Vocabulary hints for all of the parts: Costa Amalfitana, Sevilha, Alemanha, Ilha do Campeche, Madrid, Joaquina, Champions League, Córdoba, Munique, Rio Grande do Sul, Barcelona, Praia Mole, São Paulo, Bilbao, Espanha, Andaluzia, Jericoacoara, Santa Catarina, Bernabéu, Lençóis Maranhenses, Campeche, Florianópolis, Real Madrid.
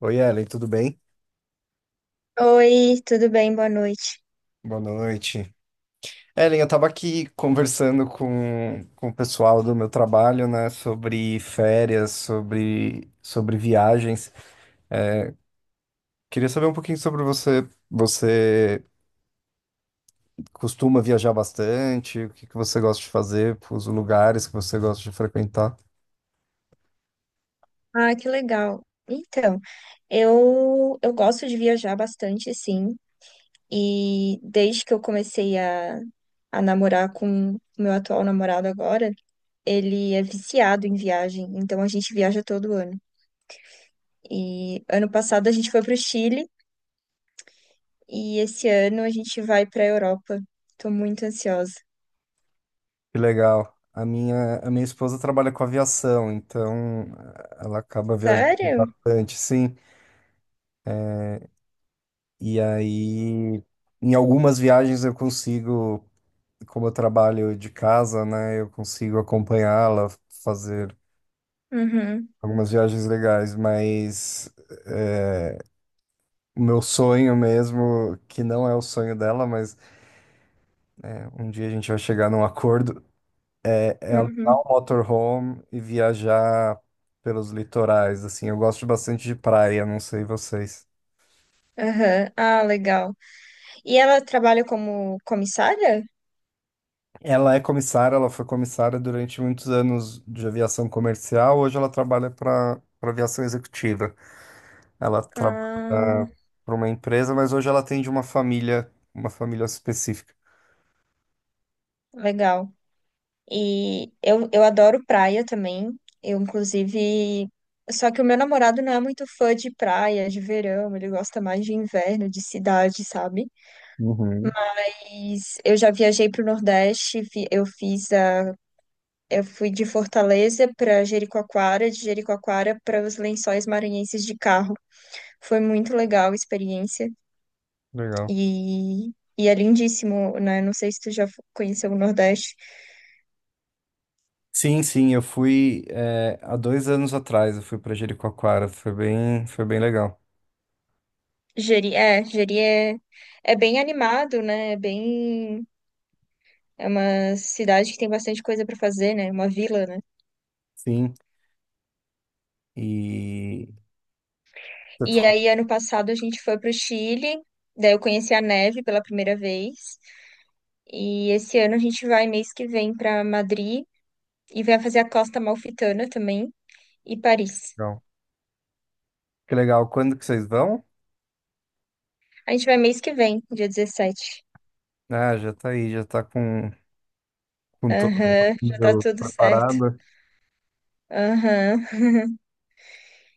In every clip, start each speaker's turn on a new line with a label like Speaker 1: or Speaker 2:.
Speaker 1: Oi, Ellen, tudo bem?
Speaker 2: Oi, tudo bem? Boa noite.
Speaker 1: Boa noite. Ellen, eu estava aqui conversando com o pessoal do meu trabalho, né, sobre férias, sobre viagens. Queria saber um pouquinho sobre você. Você costuma viajar bastante? O que que você gosta de fazer? Os lugares que você gosta de frequentar?
Speaker 2: Ah, que legal. Então, eu gosto de viajar bastante, sim. E desde que eu comecei a namorar com o meu atual namorado agora, ele é viciado em viagem, então a gente viaja todo ano. E ano passado a gente foi para o Chile e esse ano a gente vai para a Europa. Tô muito ansiosa.
Speaker 1: Que legal. A minha esposa trabalha com aviação, então ela acaba viajando
Speaker 2: Sério?
Speaker 1: bastante, sim. E aí, em algumas viagens eu consigo. Como eu trabalho de casa, né, eu consigo acompanhá-la, fazer
Speaker 2: Uhum,
Speaker 1: algumas viagens legais, mas é, o meu sonho mesmo, que não é o sonho dela, mas é, um dia a gente vai chegar num acordo, é alugar
Speaker 2: uhum,
Speaker 1: um motorhome e viajar pelos litorais, assim, eu gosto bastante de praia, não sei vocês.
Speaker 2: aham. Ah, legal. E ela trabalha como comissária?
Speaker 1: Ela é comissária, ela foi comissária durante muitos anos de aviação comercial, hoje ela trabalha para aviação executiva. Ela trabalha
Speaker 2: Ah,
Speaker 1: para uma empresa, mas hoje ela atende uma família específica.
Speaker 2: legal. E eu adoro praia também. Eu, inclusive. Só que o meu namorado não é muito fã de praia, de verão, ele gosta mais de inverno, de cidade, sabe?
Speaker 1: Uhum.
Speaker 2: Mas eu já viajei para o Nordeste, eu fiz eu fui de Fortaleza para Jericoacoara, de Jericoacoara para os Lençóis Maranhenses de carro. Foi muito legal a experiência
Speaker 1: Legal.
Speaker 2: e, e é lindíssimo, né? Não sei se tu já conheceu o Nordeste.
Speaker 1: Sim, sim, eu fui há dois anos atrás, eu fui para Jericoacoara, foi bem legal.
Speaker 2: Jeri é, é bem animado, né? É bem. É uma cidade que tem bastante coisa para fazer, né? Uma vila, né?
Speaker 1: Sim, e você
Speaker 2: E
Speaker 1: ficou
Speaker 2: aí, ano passado, a gente foi pro Chile, daí eu conheci a neve pela primeira vez. E esse ano a gente vai, mês que vem, para Madrid e vai fazer a Costa Amalfitana também e Paris.
Speaker 1: legal. Que legal. Quando que vocês vão?
Speaker 2: A gente vai mês que vem, dia 17.
Speaker 1: Ah, já tá aí, já tá com todo
Speaker 2: Aham, já tá
Speaker 1: mundo
Speaker 2: tudo certo.
Speaker 1: preparado.
Speaker 2: Aham.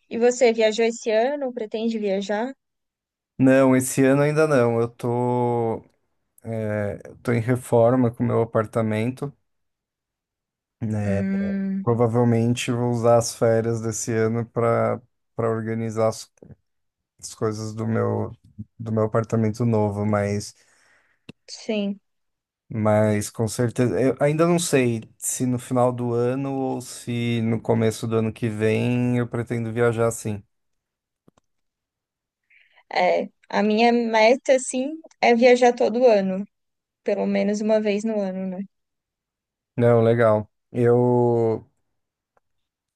Speaker 2: E você viajou esse ano? Pretende viajar?
Speaker 1: Não, esse ano ainda não. Eu tô eu tô em reforma com o meu apartamento, né?
Speaker 2: Hum,
Speaker 1: Provavelmente vou usar as férias desse ano para para organizar as coisas do meu apartamento novo,
Speaker 2: sim.
Speaker 1: mas com certeza eu ainda não sei se no final do ano ou se no começo do ano que vem eu pretendo viajar sim.
Speaker 2: É, a minha meta, assim, é viajar todo ano, pelo menos uma vez no ano, né?
Speaker 1: Não, legal. Eu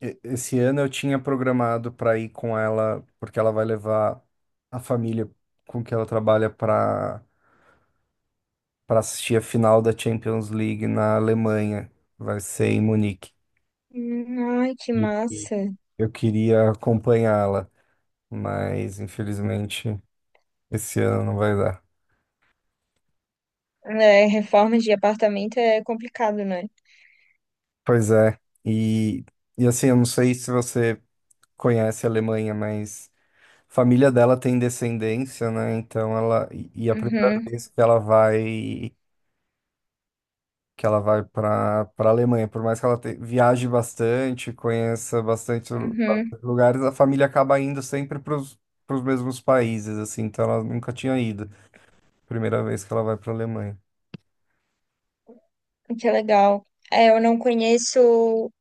Speaker 1: esse ano eu tinha programado para ir com ela porque ela vai levar a família com que ela trabalha para assistir a final da Champions League na Alemanha. Vai ser em Munique.
Speaker 2: Hum. Ai, que
Speaker 1: E e
Speaker 2: massa.
Speaker 1: eu queria acompanhá-la, mas infelizmente esse ano não vai dar.
Speaker 2: É, reforma de apartamento é complicado, né?
Speaker 1: Pois é. E, e assim, eu não sei se você conhece a Alemanha, mas a família dela tem descendência, né? Então ela. E a primeira
Speaker 2: Uhum,
Speaker 1: vez que ela vai para Alemanha. Por mais que ela viaje bastante, conheça bastante,
Speaker 2: uhum,
Speaker 1: bastante lugares, a família acaba indo sempre para os mesmos países, assim. Então ela nunca tinha ido. Primeira vez que ela vai para Alemanha.
Speaker 2: que legal. É, eu não conheço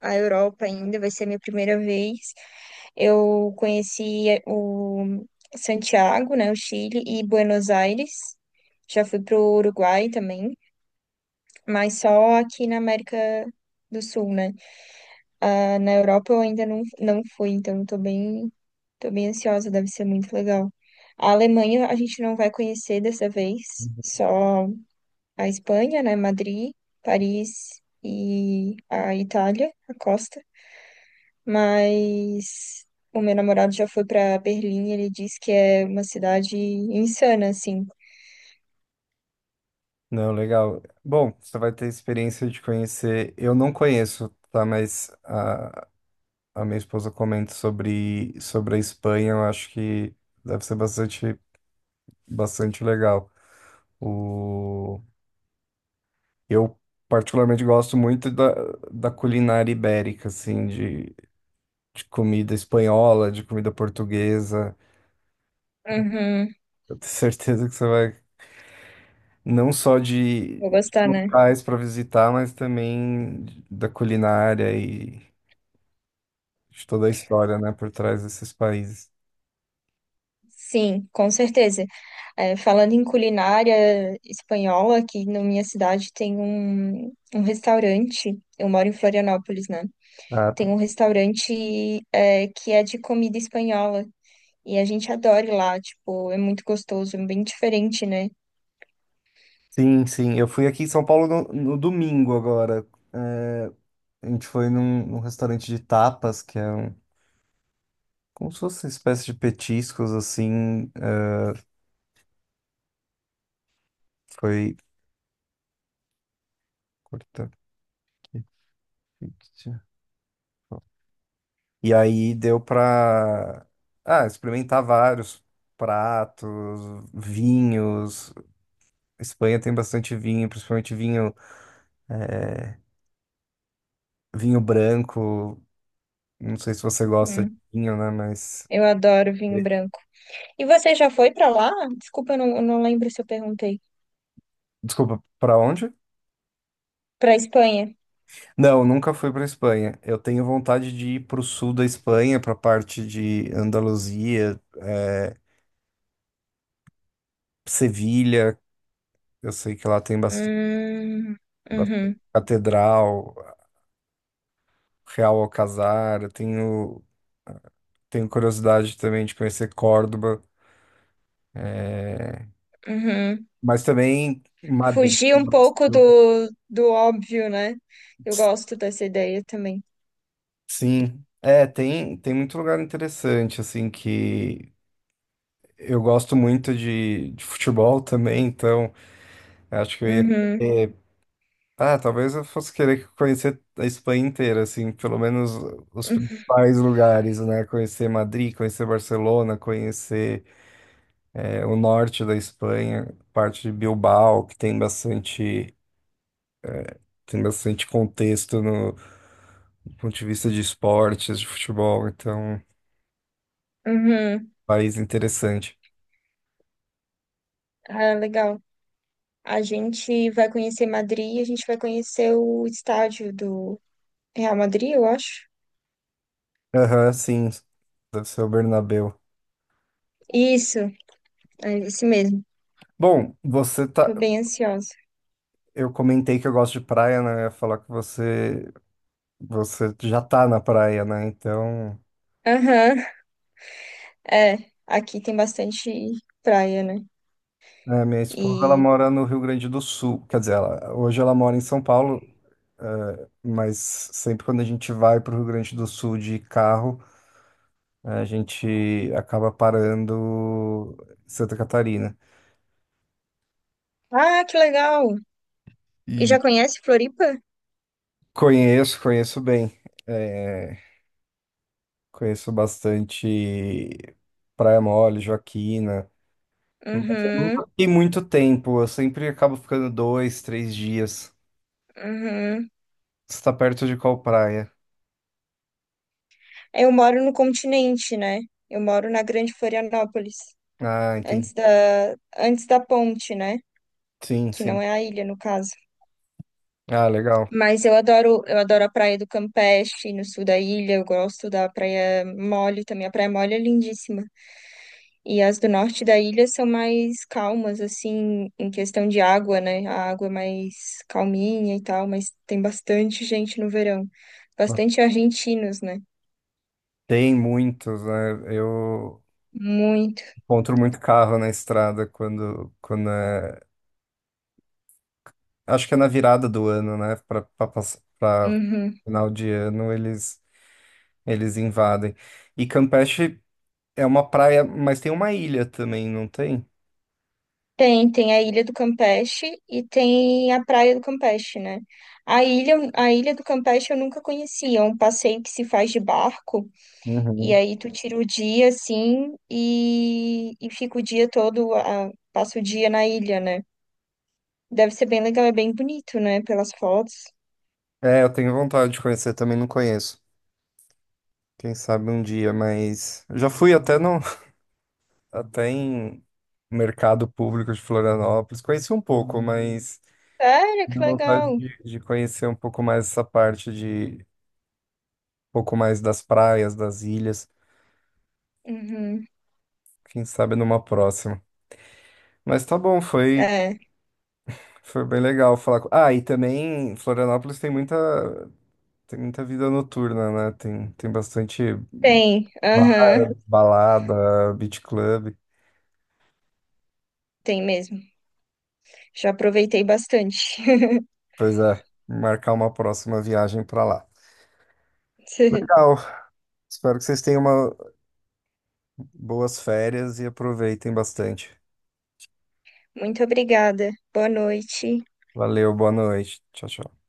Speaker 2: a Europa ainda, vai ser a minha primeira vez. Eu conheci o Santiago, né, o Chile, e Buenos Aires. Já fui pro Uruguai também, mas só aqui na América do Sul, né? Ah, na Europa eu ainda não fui, então tô bem ansiosa, deve ser muito legal. A Alemanha a gente não vai conhecer dessa vez,
Speaker 1: Uhum.
Speaker 2: só a Espanha, né? Madrid, Paris e a Itália, a costa. Mas o meu namorado já foi para Berlim, ele disse que é uma cidade insana, assim.
Speaker 1: Não, legal. Bom, você vai ter a experiência de conhecer. Eu não conheço, tá? A minha esposa comenta sobre a Espanha. Eu acho que deve ser bastante, bastante legal. O... Eu particularmente gosto muito da culinária ibérica, assim, de comida espanhola, de comida portuguesa.
Speaker 2: Uhum,
Speaker 1: Eu tenho certeza que você vai, não só de
Speaker 2: vou gostar, né?
Speaker 1: locais para visitar, mas também da culinária e de toda a história, né, por trás desses países.
Speaker 2: Sim, com certeza. É, falando em culinária espanhola, aqui na minha cidade tem um restaurante. Eu moro em Florianópolis, né?
Speaker 1: Ah,
Speaker 2: Tem
Speaker 1: tá.
Speaker 2: um restaurante, é, que é de comida espanhola. E a gente adora ir lá, tipo, é muito gostoso, é bem diferente, né?
Speaker 1: Sim, sim. Eu fui aqui em São Paulo no domingo agora. É, a gente foi num restaurante de tapas, que é um, como se fosse uma espécie de petiscos, assim. É, foi. Fictício. E aí deu pra experimentar vários pratos, vinhos. Espanha tem bastante vinho, principalmente vinho, eh, vinho branco. Não sei se você gosta de
Speaker 2: Hum,
Speaker 1: vinho, né? Mas
Speaker 2: eu adoro vinho branco. E você já foi pra lá? Desculpa, eu não lembro se eu perguntei.
Speaker 1: desculpa, pra onde?
Speaker 2: Pra Espanha?
Speaker 1: Não, nunca fui pra Espanha. Eu tenho vontade de ir pro sul da Espanha, pra parte de Andaluzia, Sevilha. Eu sei que lá tem bastante,
Speaker 2: Hum,
Speaker 1: bastante
Speaker 2: uhum,
Speaker 1: catedral. Real Alcazar, tenho curiosidade também de conhecer Córdoba, é,
Speaker 2: uhum.
Speaker 1: mas também Madrid.
Speaker 2: Fugir um pouco do óbvio, né? Eu gosto dessa ideia também.
Speaker 1: Sim, é, tem, tem muito lugar interessante, assim, que eu gosto muito de futebol também, então acho que eu ia
Speaker 2: Uhum,
Speaker 1: querer, ah, talvez eu fosse querer conhecer a Espanha inteira, assim, pelo menos os principais lugares, né? Conhecer Madrid, conhecer Barcelona, conhecer é, o norte da Espanha, parte de Bilbao, que tem bastante contexto no, do ponto de vista de esportes, de futebol, então, um
Speaker 2: uhum, uhum.
Speaker 1: país interessante.
Speaker 2: Ah, legal. A gente vai conhecer Madrid, e a gente vai conhecer o estádio do Real Madrid, eu acho.
Speaker 1: Aham, sim, deve ser o Bernabéu.
Speaker 2: Isso, é isso mesmo.
Speaker 1: Bom, você tá.
Speaker 2: Tô bem ansiosa.
Speaker 1: Eu comentei que eu gosto de praia, né? Eu ia falar que você, você já tá na praia, né? Então.
Speaker 2: Aham, é. Aqui tem bastante praia, né?
Speaker 1: É, minha esposa, ela
Speaker 2: E.
Speaker 1: mora no Rio Grande do Sul, quer dizer, ela, hoje ela mora em São Paulo, é, mas sempre quando a gente vai para o Rio Grande do Sul de carro, é, a gente acaba parando em Santa Catarina.
Speaker 2: Ah, que legal! E
Speaker 1: E
Speaker 2: já conhece Floripa?
Speaker 1: conheço, conheço bem, é, conheço bastante Praia Mole, Joaquina, mas eu
Speaker 2: Uhum,
Speaker 1: nunca fiquei muito tempo, eu sempre acabo ficando dois, três dias.
Speaker 2: uhum.
Speaker 1: Você está perto de qual praia?
Speaker 2: Eu moro no continente, né? Eu moro na Grande Florianópolis,
Speaker 1: Ah, entendi.
Speaker 2: antes da ponte, né?
Speaker 1: Sim,
Speaker 2: Que não
Speaker 1: sim.
Speaker 2: é a ilha, no caso.
Speaker 1: Ah, legal.
Speaker 2: Mas eu adoro a praia do Campeche, no sul da ilha. Eu gosto da Praia Mole também. A Praia Mole é lindíssima. E as do norte da ilha são mais calmas, assim, em questão de água, né? A água é mais calminha e tal, mas tem bastante gente no verão. Bastante argentinos, né?
Speaker 1: Tem muitos, né? Eu
Speaker 2: Muito.
Speaker 1: encontro muito carro na estrada quando é... Acho que é na virada do ano, né? Para
Speaker 2: Uhum.
Speaker 1: final de ano eles invadem. E Campeche é uma praia, mas tem uma ilha também, não tem?
Speaker 2: Tem, tem a Ilha do Campeche e tem a Praia do Campeche, né? A Ilha do Campeche eu nunca conhecia, é um passeio que se faz de barco, e
Speaker 1: Uhum.
Speaker 2: aí tu tira o dia, assim, e fica o dia todo, ah, passa o dia na ilha, né? Deve ser bem legal, é bem bonito, né? Pelas fotos.
Speaker 1: É, eu tenho vontade de conhecer, também não conheço. Quem sabe um dia, mas eu já fui até no até em mercado público de Florianópolis, conheci um pouco, mas
Speaker 2: Sério, que
Speaker 1: tenho vontade
Speaker 2: legal.
Speaker 1: de conhecer um pouco mais essa parte de um pouco mais das praias, das ilhas,
Speaker 2: Uhum.
Speaker 1: quem sabe numa próxima. Mas tá bom, foi
Speaker 2: É,
Speaker 1: foi bem legal falar. Ah, e também Florianópolis tem muita vida noturna, né? Tem bastante ba-
Speaker 2: aham,
Speaker 1: balada, beach club.
Speaker 2: tem mesmo. Já aproveitei bastante.
Speaker 1: Pois é, marcar uma próxima viagem pra lá. Legal. Espero que vocês tenham uma boas férias e aproveitem bastante.
Speaker 2: Muito obrigada. Boa noite.
Speaker 1: Valeu, boa noite. Tchau, tchau.